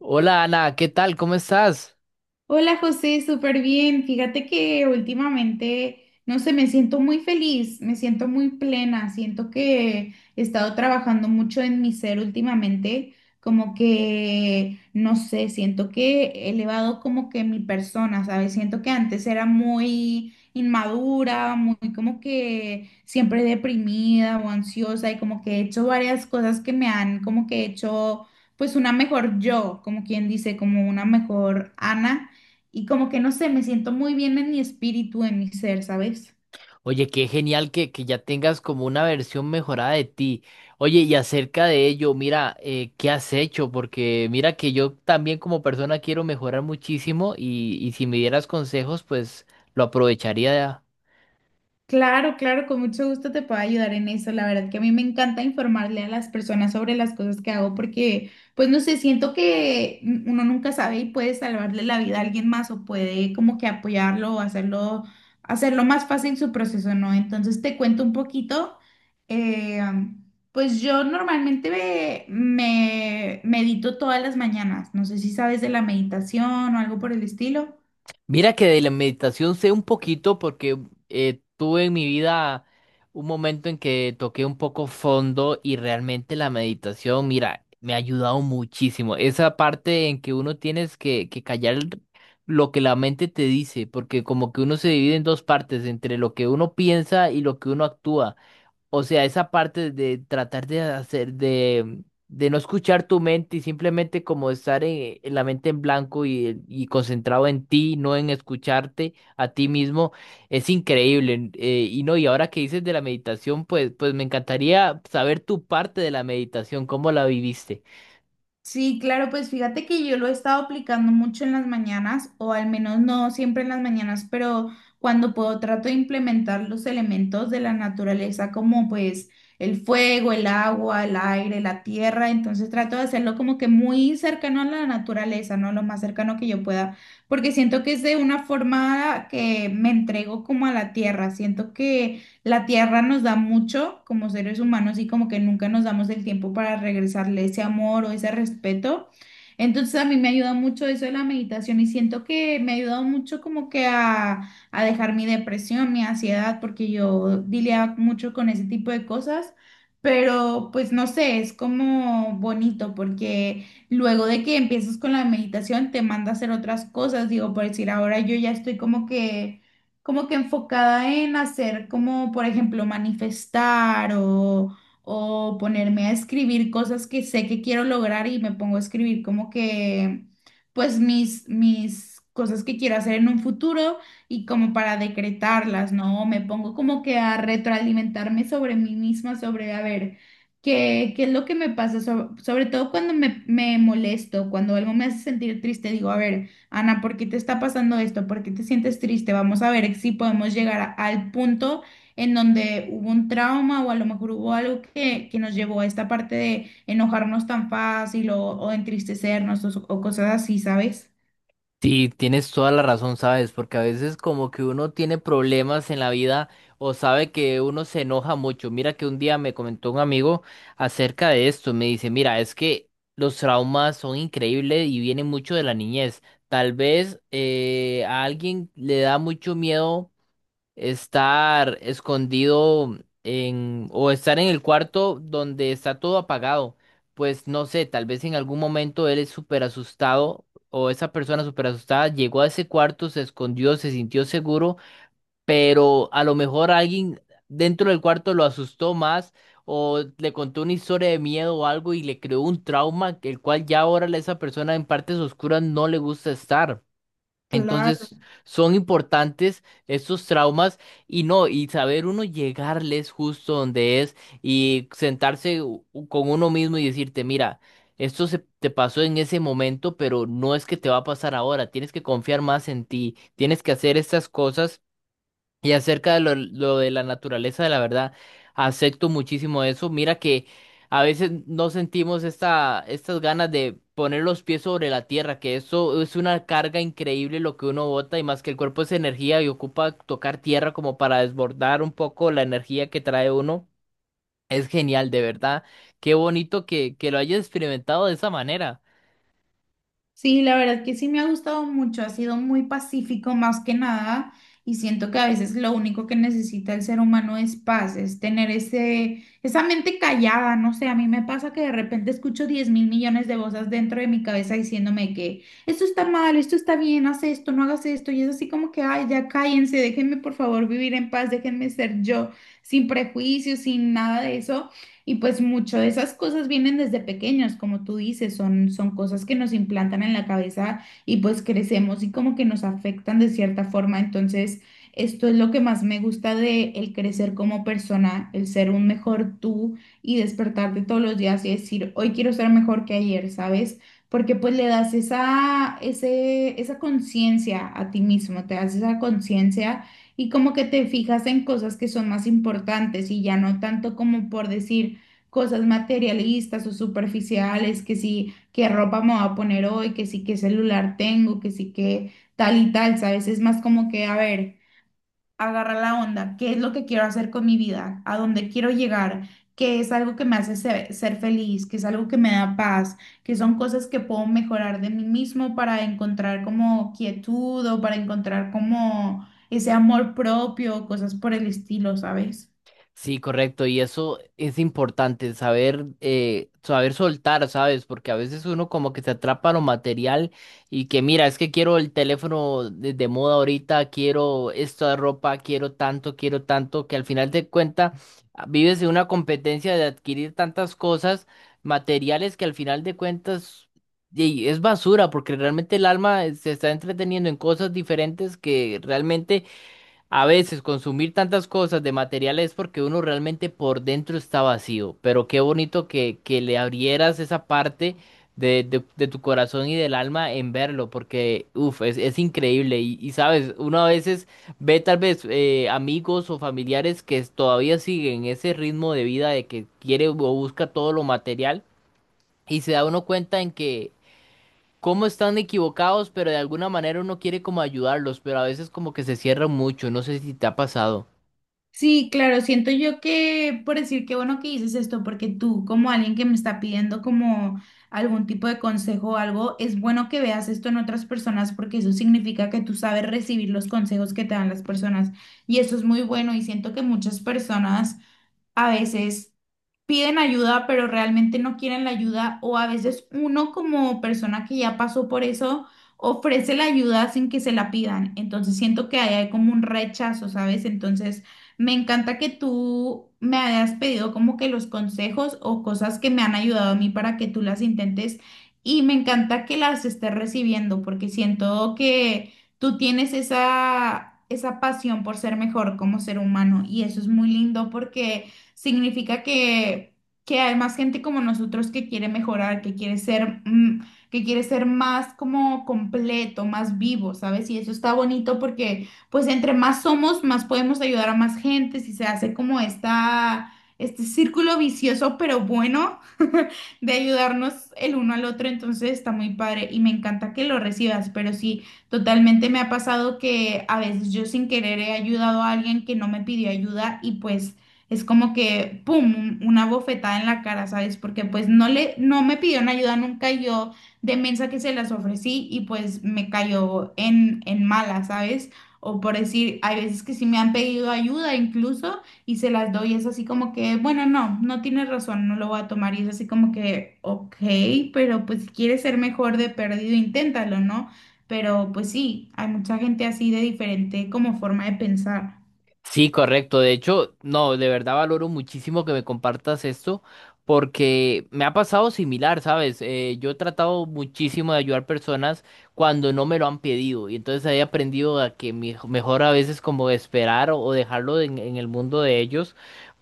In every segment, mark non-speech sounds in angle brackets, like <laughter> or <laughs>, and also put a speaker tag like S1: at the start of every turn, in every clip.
S1: Hola Ana, ¿qué tal? ¿Cómo estás?
S2: Hola José, súper bien. Fíjate que últimamente, no sé, me siento muy feliz, me siento muy plena, siento que he estado trabajando mucho en mi ser últimamente, como que, no sé, siento que he elevado como que mi persona, ¿sabes? Siento que antes era muy inmadura, muy como que siempre deprimida o ansiosa y como que he hecho varias cosas que me han como que hecho pues una mejor yo, como quien dice, como una mejor Ana y como que no sé, me siento muy bien en mi espíritu, en mi ser, ¿sabes?
S1: Oye, qué genial que ya tengas como una versión mejorada de ti. Oye, y acerca de ello, mira, ¿qué has hecho? Porque mira que yo también como persona quiero mejorar muchísimo y si me dieras consejos, pues lo aprovecharía.
S2: Claro, claro, con mucho gusto te puedo ayudar en eso. La verdad que a mí me encanta informarle a las personas sobre las cosas que hago porque, pues no sé, siento que uno nunca sabe y puede salvarle la vida a alguien más o puede como que apoyarlo o hacerlo más fácil su proceso, ¿no? Entonces te cuento un poquito. eh, pues yo normalmente me medito todas las mañanas. No sé si sabes de la meditación o algo por el estilo.
S1: Mira que de la meditación sé un poquito porque tuve en mi vida un momento en que toqué un poco fondo y realmente la meditación, mira, me ha ayudado muchísimo. Esa parte en que uno tienes que callar lo que la mente te dice, porque como que uno se divide en dos partes, entre lo que uno piensa y lo que uno actúa. O sea, esa parte de tratar de hacer, de no escuchar tu mente y simplemente como estar en la mente en blanco y concentrado en ti, no en escucharte a ti mismo, es increíble. Y no, y ahora que dices de la meditación, pues me encantaría saber tu parte de la meditación, cómo la viviste.
S2: Sí, claro, pues fíjate que yo lo he estado aplicando mucho en las mañanas, o al menos no siempre en las mañanas, pero cuando puedo trato de implementar los elementos de la naturaleza como pues el fuego, el agua, el aire, la tierra, entonces trato de hacerlo como que muy cercano a la naturaleza, ¿no? Lo más cercano que yo pueda, porque siento que es de una forma que me entrego como a la tierra, siento que la tierra nos da mucho como seres humanos y como que nunca nos damos el tiempo para regresarle ese amor o ese respeto. Entonces a mí me ayuda mucho eso de la meditación y siento que me ha ayudado mucho como que a dejar mi depresión, mi ansiedad, porque yo lidiaba mucho con ese tipo de cosas, pero pues no sé, es como bonito porque luego de que empiezas con la meditación te manda a hacer otras cosas, digo, por decir, ahora yo ya estoy como que enfocada en hacer como, por ejemplo, manifestar o ponerme a escribir cosas que sé que quiero lograr y me pongo a escribir como que, pues mis cosas que quiero hacer en un futuro y como para decretarlas, ¿no? Me pongo como que a retroalimentarme sobre mí misma, sobre, a ver. ¿Qué es lo que me pasa? Sobre todo cuando me molesto, cuando algo me hace sentir triste, digo, a ver, Ana, ¿por qué te está pasando esto? ¿Por qué te sientes triste? Vamos a ver si podemos llegar al punto en donde hubo un trauma o a lo mejor hubo algo que nos llevó a esta parte de enojarnos tan fácil o entristecernos o cosas así, ¿sabes?
S1: Sí, tienes toda la razón, ¿sabes? Porque a veces como que uno tiene problemas en la vida o sabe que uno se enoja mucho. Mira que un día me comentó un amigo acerca de esto. Me dice, mira, es que los traumas son increíbles y vienen mucho de la niñez. Tal vez a alguien le da mucho miedo estar escondido en o estar en el cuarto donde está todo apagado. Pues no sé, tal vez en algún momento él es súper asustado o esa persona súper asustada llegó a ese cuarto, se escondió, se sintió seguro, pero a lo mejor alguien dentro del cuarto lo asustó más o le contó una historia de miedo o algo y le creó un trauma, el cual ya ahora a esa persona en partes oscuras no le gusta estar.
S2: Claro.
S1: Entonces son importantes estos traumas y no, y saber uno llegarles justo donde es y sentarse con uno mismo y decirte, mira, esto se te pasó en ese momento, pero no es que te va a pasar ahora, tienes que confiar más en ti, tienes que hacer estas cosas y acerca de lo de la naturaleza, de la verdad, acepto muchísimo eso. Mira que a veces no sentimos estas ganas de poner los pies sobre la tierra, que eso es una carga increíble lo que uno bota, y más que el cuerpo es energía y ocupa tocar tierra como para desbordar un poco la energía que trae uno. Es genial, de verdad. Qué bonito que lo hayas experimentado de esa manera.
S2: Sí, la verdad que sí me ha gustado mucho, ha sido muy pacífico más que nada y siento que a veces lo único que necesita el ser humano es paz, es tener esa mente callada, no sé, a mí me pasa que de repente escucho 10 mil millones de voces dentro de mi cabeza diciéndome que esto está mal, esto está bien, haz esto, no hagas esto y es así como que, ay, ya cállense, déjenme por favor vivir en paz, déjenme ser yo, sin prejuicios, sin nada de eso. Y pues mucho de esas cosas vienen desde pequeños, como tú dices, son cosas que nos implantan en la cabeza y pues crecemos y como que nos afectan de cierta forma. Entonces, esto es lo que más me gusta de el crecer como persona, el ser un mejor tú y despertarte todos los días y decir, hoy quiero ser mejor que ayer, ¿sabes? Porque pues le das esa conciencia a ti mismo, te das esa conciencia y como que te fijas en cosas que son más importantes y ya no tanto como por decir cosas materialistas o superficiales, que sí, qué ropa me voy a poner hoy, que sí, qué celular tengo, que sí, qué tal y tal, ¿sabes? Es más como que, a ver, agarra la onda, ¿qué es lo que quiero hacer con mi vida? ¿A dónde quiero llegar? ¿Qué es algo que me hace ser feliz? ¿Qué es algo que me da paz? Que son cosas que puedo mejorar de mí mismo para encontrar como quietud o para encontrar como ese amor propio, cosas por el estilo, ¿sabes?
S1: Sí, correcto, y eso es importante, saber, saber soltar, ¿sabes? Porque a veces uno como que se atrapa a lo material y que mira, es que quiero el teléfono de moda ahorita, quiero esta ropa, quiero tanto, que al final de cuentas vives en una competencia de adquirir tantas cosas materiales que al final de cuentas y es basura, porque realmente el alma se está entreteniendo en cosas diferentes que realmente a veces consumir tantas cosas de materiales es porque uno realmente por dentro está vacío, pero qué bonito que le abrieras esa parte de tu corazón y del alma en verlo, porque uff, es increíble. Y, sabes, uno a veces ve tal vez amigos o familiares que todavía siguen ese ritmo de vida de que quiere o busca todo lo material y se da uno cuenta en que cómo están equivocados, pero de alguna manera uno quiere como ayudarlos, pero a veces como que se cierran mucho, no sé si te ha pasado.
S2: Sí, claro, siento yo que, por decir, qué bueno que dices esto, porque tú, como alguien que me está pidiendo como algún tipo de consejo o algo, es bueno que veas esto en otras personas porque eso significa que tú sabes recibir los consejos que te dan las personas y eso es muy bueno y siento que muchas personas a veces piden ayuda, pero realmente no quieren la ayuda, o a veces uno como persona que ya pasó por eso ofrece la ayuda sin que se la pidan. Entonces siento que ahí hay como un rechazo, ¿sabes? Entonces me encanta que tú me hayas pedido como que los consejos o cosas que me han ayudado a mí para que tú las intentes y me encanta que las estés recibiendo porque siento que tú tienes esa... esa pasión por ser mejor como ser humano y eso es muy lindo porque significa que hay más gente como nosotros que quiere mejorar, que quiere ser, que quiere ser más como completo, más vivo, ¿sabes? Y eso está bonito porque pues entre más somos, más podemos ayudar a más gente, si se hace como esta, este círculo vicioso, pero bueno, <laughs> de ayudarnos el uno al otro, entonces está muy padre y me encanta que lo recibas, pero sí, totalmente me ha pasado que a veces yo sin querer he ayudado a alguien que no me pidió ayuda y pues es como que, ¡pum!, una bofetada en la cara, ¿sabes? Porque pues no le, no me pidieron ayuda nunca, yo de mensa que se las ofrecí y pues me cayó en mala, ¿sabes? O por decir, hay veces que sí me han pedido ayuda incluso y se las doy, es así como que, bueno, no, no tienes razón, no lo voy a tomar y es así como que, ok, pero pues si quieres ser mejor de perdido, inténtalo, ¿no? Pero pues sí, hay mucha gente así de diferente como forma de pensar.
S1: Sí, correcto. De hecho, no, de verdad valoro muchísimo que me compartas esto porque me ha pasado similar, ¿sabes? Yo he tratado muchísimo de ayudar personas cuando no me lo han pedido y entonces he aprendido a que mejor a veces como esperar o dejarlo en el mundo de ellos,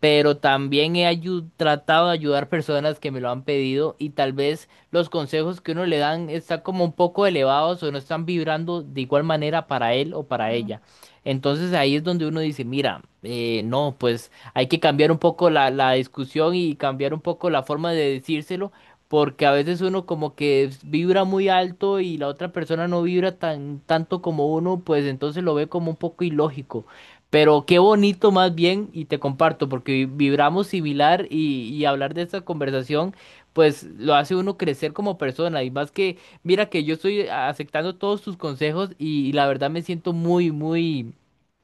S1: pero también he tratado de ayudar personas que me lo han pedido y tal vez los consejos que uno le dan están como un poco elevados o no están vibrando de igual manera para él o para ella. Entonces ahí es donde uno dice, mira, no, pues hay que cambiar un poco la discusión y cambiar un poco la forma de decírselo, porque a veces uno como que vibra muy alto y la otra persona no vibra tan tanto como uno, pues entonces lo ve como un poco ilógico. Pero qué bonito más bien, y te comparto, porque vibramos similar y hablar de esta conversación, pues lo hace uno crecer como persona. Y más que, mira que yo estoy aceptando todos tus consejos y la verdad me siento muy, muy,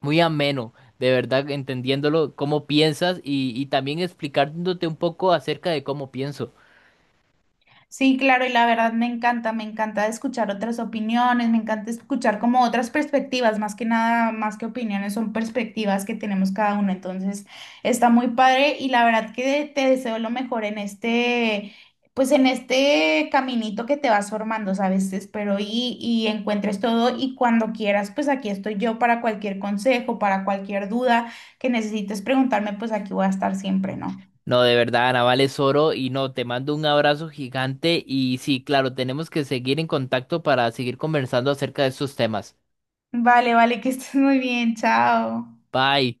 S1: muy ameno, de verdad, entendiéndolo, cómo piensas y también explicándote un poco acerca de cómo pienso.
S2: Sí, claro, y la verdad me encanta escuchar otras opiniones, me encanta escuchar como otras perspectivas, más que nada, más que opiniones, son perspectivas que tenemos cada uno, entonces está muy padre y la verdad que te deseo lo mejor en este, pues en este caminito que te vas formando, ¿sabes? Espero y encuentres todo y cuando quieras, pues aquí estoy yo para cualquier consejo, para cualquier duda que necesites preguntarme, pues aquí voy a estar siempre, ¿no?
S1: No, de verdad, Ana, vales oro y no, te mando un abrazo gigante y sí, claro, tenemos que seguir en contacto para seguir conversando acerca de estos temas.
S2: Vale, vale, que estés muy bien, chao.
S1: Bye.